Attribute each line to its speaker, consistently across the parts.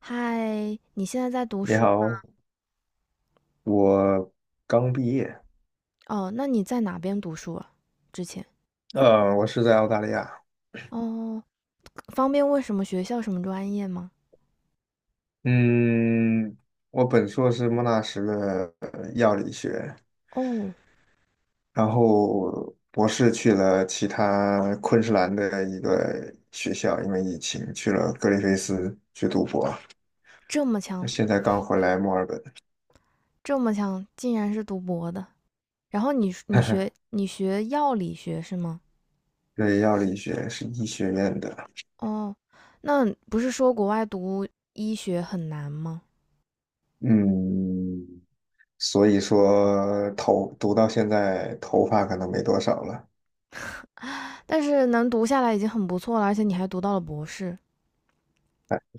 Speaker 1: 嗨，你现在在读
Speaker 2: 你
Speaker 1: 书吗？
Speaker 2: 好，我刚毕业。
Speaker 1: 哦，那你在哪边读书啊？之前？
Speaker 2: 我是在澳大利亚。
Speaker 1: 哦，方便问什么学校、什么专业吗？
Speaker 2: 嗯，我本硕是莫纳什的药理学，
Speaker 1: 哦。
Speaker 2: 然后博士去了其他昆士兰的一个学校，因为疫情去了格里菲斯去读博，
Speaker 1: 这么强，
Speaker 2: 现在刚回来墨尔本。
Speaker 1: 这么强，竟然是读博的。然后你学 药理学是吗？
Speaker 2: 对，药理学是医学院的。
Speaker 1: 哦。那不是说国外读医学很难吗？
Speaker 2: 嗯，所以说头读到现在头发可能没多少了。
Speaker 1: 但是能读下来已经很不错了，而且你还读到了博士。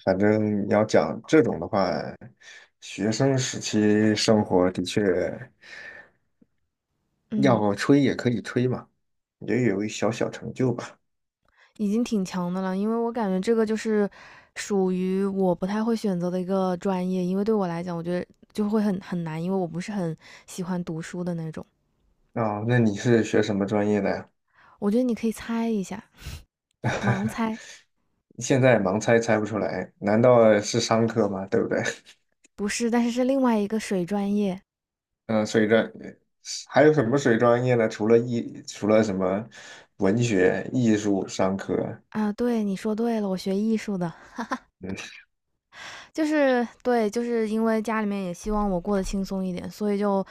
Speaker 2: 反正你要讲这种的话，学生时期生活的确
Speaker 1: 嗯。
Speaker 2: 要吹也可以吹嘛，也有一小小成就吧。
Speaker 1: 已经挺强的了，因为我感觉这个就是属于我不太会选择的一个专业，因为对我来讲，我觉得就会很难，因为我不是很喜欢读书的那种。
Speaker 2: 啊，那你是学什么专业的呀？
Speaker 1: 我觉得你可以猜一下，盲猜。
Speaker 2: 现在盲猜猜不出来，难道是商科吗？对不对？
Speaker 1: 不是，但是是另外一个水专业。
Speaker 2: 嗯，还有什么水专业呢？除了什么文学、艺术、商科？
Speaker 1: 啊。对，你说对了，我学艺术的。
Speaker 2: 嗯
Speaker 1: 就是对，就是因为家里面也希望我过得轻松一点，所以就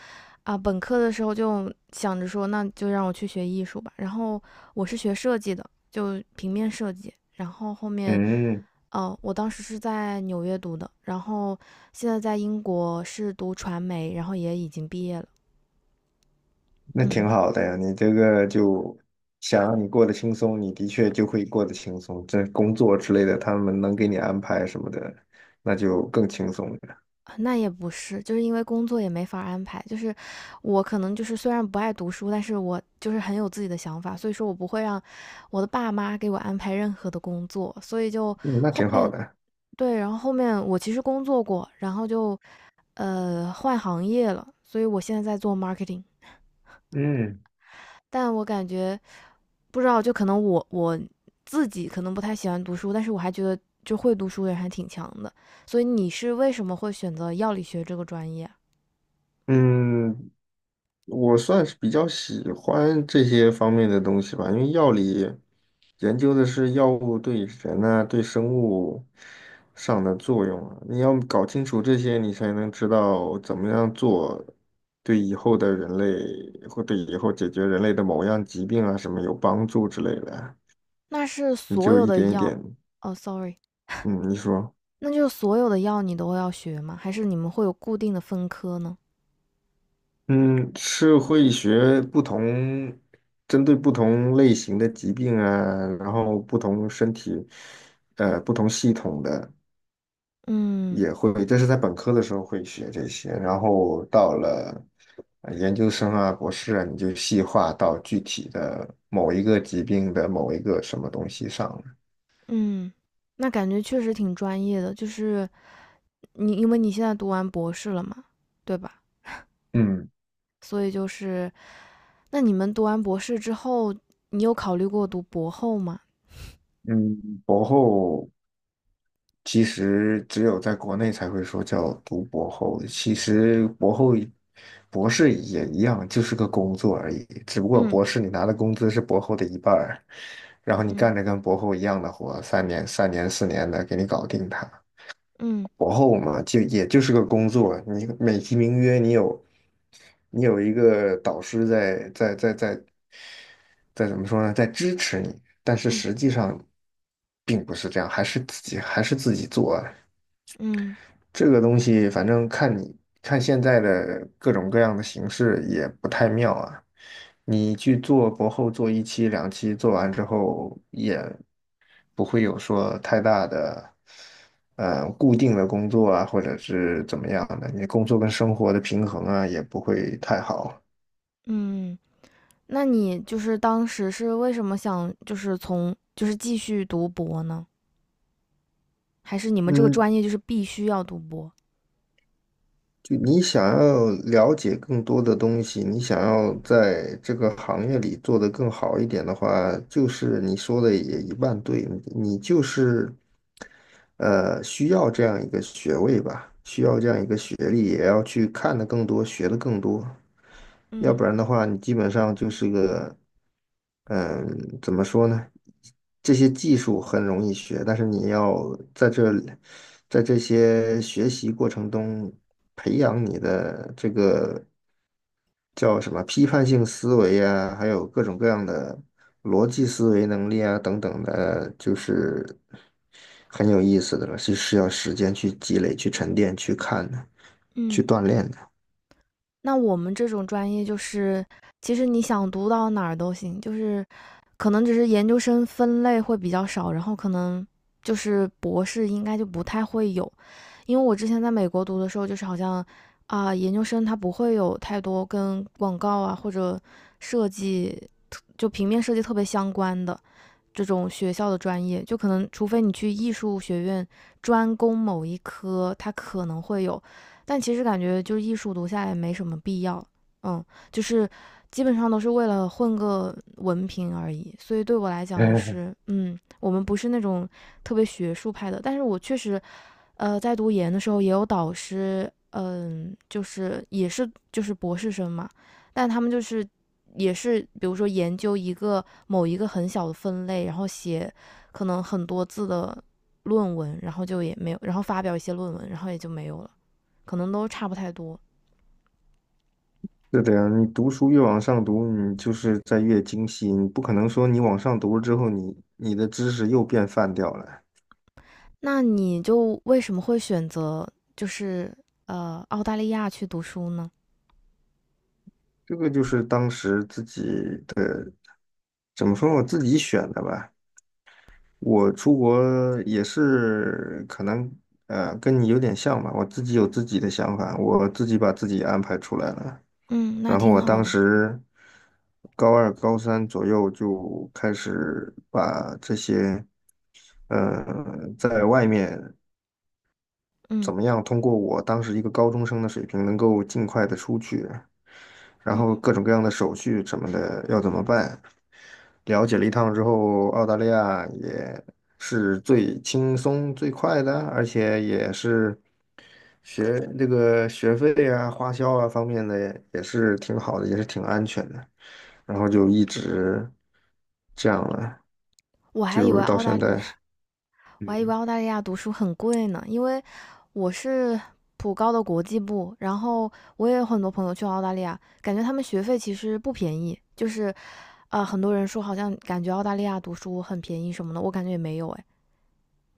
Speaker 1: 本科的时候就想着说，那就让我去学艺术吧。然后我是学设计的，就平面设计。然后后面，
Speaker 2: 嗯，
Speaker 1: 我当时是在纽约读的，然后现在在英国是读传媒，然后也已经毕业了。
Speaker 2: 那挺好的呀，你这个就想让你过得轻松，你的确就会过得轻松。这工作之类的，他们能给你安排什么的，那就更轻松了。
Speaker 1: 啊，那也不是，就是因为工作也没法安排。就是我可能就是虽然不爱读书，但是我就是很有自己的想法，所以说我不会让我的爸妈给我安排任何的工作。所以就
Speaker 2: 嗯，那
Speaker 1: 后
Speaker 2: 挺好
Speaker 1: 面
Speaker 2: 的。
Speaker 1: 对，然后后面我其实工作过，然后就换行业了，所以我现在在做 marketing。
Speaker 2: 嗯
Speaker 1: 但我感觉不知道，就可能我自己可能不太喜欢读书，但是我还觉得就会读书的人还挺强的。所以你是为什么会选择药理学这个专业啊？
Speaker 2: 嗯，我算是比较喜欢这些方面的东西吧，因为药理研究的是药物对人啊、对生物上的作用啊，你要搞清楚这些，你才能知道怎么样做，对以后的人类或对以后解决人类的某样疾病啊什么有帮助之类的啊，
Speaker 1: 那是
Speaker 2: 你
Speaker 1: 所
Speaker 2: 就
Speaker 1: 有
Speaker 2: 一
Speaker 1: 的
Speaker 2: 点一
Speaker 1: 药。
Speaker 2: 点。
Speaker 1: 哦，sorry，
Speaker 2: 嗯，你说。
Speaker 1: 那就是所有的药你都要学吗？还是你们会有固定的分科呢？
Speaker 2: 嗯，是会学不同，针对不同类型的疾病啊，然后不同身体，不同系统的
Speaker 1: 嗯。
Speaker 2: 也会，这是在本科的时候会学这些，然后到了研究生啊、博士啊，你就细化到具体的某一个疾病的某一个什么东西上了。
Speaker 1: 嗯，那感觉确实挺专业的，就是你因为你现在读完博士了嘛，对吧？
Speaker 2: 嗯
Speaker 1: 所以就是，那你们读完博士之后，你有考虑过读博后吗？
Speaker 2: 嗯，博后。其实只有在国内才会说叫读博后，其实博后博士也一样，就是个工作而已，只不过
Speaker 1: 嗯，
Speaker 2: 博士你拿的工资是博后的一半儿，然后你
Speaker 1: 嗯，
Speaker 2: 干着跟博后一样的活，3年、3年、4年的给你搞定它。
Speaker 1: 嗯，
Speaker 2: 博后嘛，就也就是个工作，你美其名曰你有一个导师在在在在在怎么说呢，在支持你，但是
Speaker 1: 嗯，
Speaker 2: 实际上并不是这样，还是自己做。
Speaker 1: 嗯，
Speaker 2: 这个东西反正看你看现在的各种各样的形式也不太妙啊。你去做博后做一期两期，做完之后也不会有说太大的固定的工作啊，或者是怎么样的，你工作跟生活的平衡啊也不会太好。
Speaker 1: 嗯。那你就是当时是为什么想就是从就是继续读博呢？还是你们这个
Speaker 2: 嗯，
Speaker 1: 专业就是必须要读博？
Speaker 2: 就你想要了解更多的东西，你想要在这个行业里做得更好一点的话，就是你说的也一半对，你就是需要这样一个学位吧，需要这样一个学历，也要去看得更多，学得更多。要
Speaker 1: 嗯。
Speaker 2: 不然的话，你基本上就是个，嗯，怎么说呢？这些技术很容易学，但是你要在这些学习过程中培养你的这个叫什么批判性思维啊，还有各种各样的逻辑思维能力啊等等的，就是很有意思的了，是需要时间去积累、去沉淀、去看的、去
Speaker 1: 嗯，
Speaker 2: 锻炼的。
Speaker 1: 那我们这种专业就是，其实你想读到哪儿都行，就是可能只是研究生分类会比较少，然后可能就是博士应该就不太会有，因为我之前在美国读的时候，就是好像啊、研究生它不会有太多跟广告啊或者设计就平面设计特别相关的，这种学校的专业，就可能除非你去艺术学院专攻某一科，它可能会有，但其实感觉就是艺术读下来没什么必要。嗯，就是基本上都是为了混个文凭而已。所以对我来讲，就是嗯，我们不是那种特别学术派的，但是我确实在读研的时候也有导师，嗯，就是也是就是博士生嘛，但他们就是也是，比如说研究一个某一个很小的分类，然后写可能很多字的论文，然后就也没有，然后发表一些论文，然后也就没有了，可能都差不太多。
Speaker 2: 是的呀，你读书越往上读，你就是在越精细。你不可能说你往上读了之后你，你的知识又变泛掉了。
Speaker 1: 那你就为什么会选择就是澳大利亚去读书呢？
Speaker 2: 这个就是当时自己的，怎么说，我自己选的吧。我出国也是可能，跟你有点像吧。我自己有自己的想法，我自己把自己安排出来了。
Speaker 1: 嗯，那
Speaker 2: 然后
Speaker 1: 挺
Speaker 2: 我
Speaker 1: 好
Speaker 2: 当
Speaker 1: 的。
Speaker 2: 时高二、高三左右就开始把这些。呃，在外面
Speaker 1: 嗯。
Speaker 2: 怎么样通过我当时一个高中生的水平，能够尽快的出去，然
Speaker 1: 嗯，
Speaker 2: 后各种各样的手续什么的要怎么办？了解了一趟之后，澳大利亚也是最轻松最快的，而且也是学这个学费啊、花销啊方面的也是挺好的，也是挺安全的。然后就一直这样了，
Speaker 1: 我还以
Speaker 2: 就
Speaker 1: 为
Speaker 2: 到现在。
Speaker 1: 我还以为澳大利亚读书很贵呢，因为我是普高的国际部，然后我也有很多朋友去澳大利亚，感觉他们学费其实不便宜，就是啊，很多人说好像感觉澳大利亚读书很便宜什么的，我感觉也没有诶。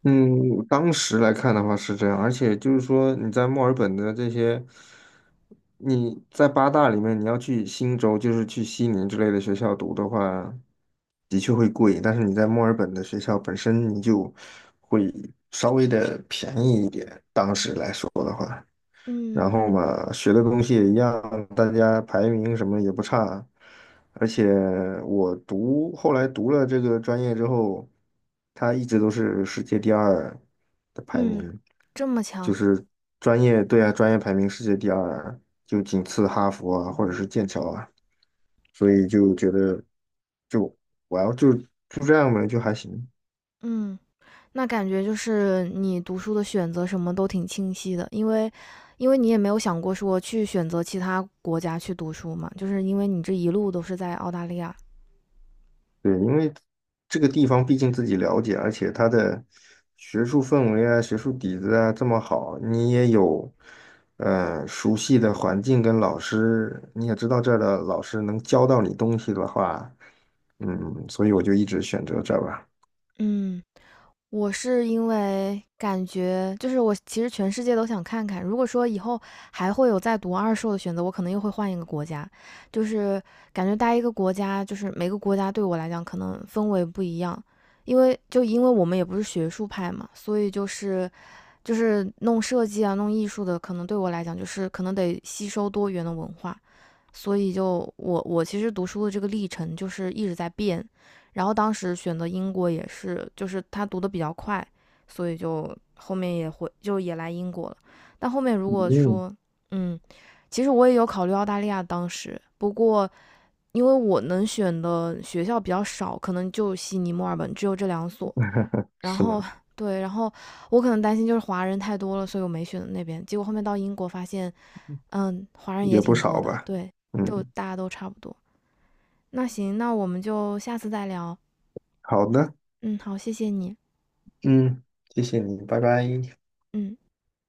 Speaker 2: 嗯，当时来看的话是这样，而且就是说你在墨尔本的这些，你在八大里面你要去新州，就是去悉尼之类的学校读的话，的确会贵，但是你在墨尔本的学校本身你就会稍微的便宜一点，当时来说的话。然
Speaker 1: 嗯。
Speaker 2: 后嘛，学的东西也一样，大家排名什么也不差，而且后来读了这个专业之后，它一直都是世界第二的排
Speaker 1: 嗯，
Speaker 2: 名，
Speaker 1: 这么
Speaker 2: 就
Speaker 1: 强。
Speaker 2: 是专业，对啊，专业排名世界第二，就仅次哈佛啊，或者是剑桥啊，所以就觉得就我要就这样吧，就还行。
Speaker 1: 嗯，那感觉就是你读书的选择什么都挺清晰的，因为你也没有想过说去选择其他国家去读书嘛，就是因为你这一路都是在澳大利亚。
Speaker 2: 对，因为这个地方毕竟自己了解，而且它的学术氛围啊、学术底子啊这么好，你也有熟悉的环境跟老师，你也知道这儿的老师能教到你东西的话，嗯，所以我就一直选择这儿吧。
Speaker 1: 嗯，我是因为感觉就是我其实全世界都想看看，如果说以后还会有再读二硕的选择，我可能又会换一个国家。就是感觉待一个国家，就是每个国家对我来讲可能氛围不一样，因为我们也不是学术派嘛，所以就是弄设计啊、弄艺术的，可能对我来讲就是可能得吸收多元的文化。所以就我其实读书的这个历程就是一直在变，然后当时选择英国也是，就是他读的比较快，所以就后面也会就也来英国了。但后面如果
Speaker 2: 嗯，
Speaker 1: 说，嗯，其实我也有考虑澳大利亚，当时不过因为我能选的学校比较少，可能就悉尼、墨尔本只有这两所，然
Speaker 2: 是
Speaker 1: 后。
Speaker 2: 吗？
Speaker 1: 对，然后我可能担心就是华人太多了，所以我没选那边。结果后面到英国发现，嗯，华人也
Speaker 2: 也不
Speaker 1: 挺多
Speaker 2: 少
Speaker 1: 的，
Speaker 2: 吧。
Speaker 1: 对，就
Speaker 2: 嗯，
Speaker 1: 大家都差不多。那行，那我们就下次再聊。
Speaker 2: 好的，
Speaker 1: 嗯，好，谢谢你。
Speaker 2: 嗯，谢谢你，拜拜。
Speaker 1: 嗯。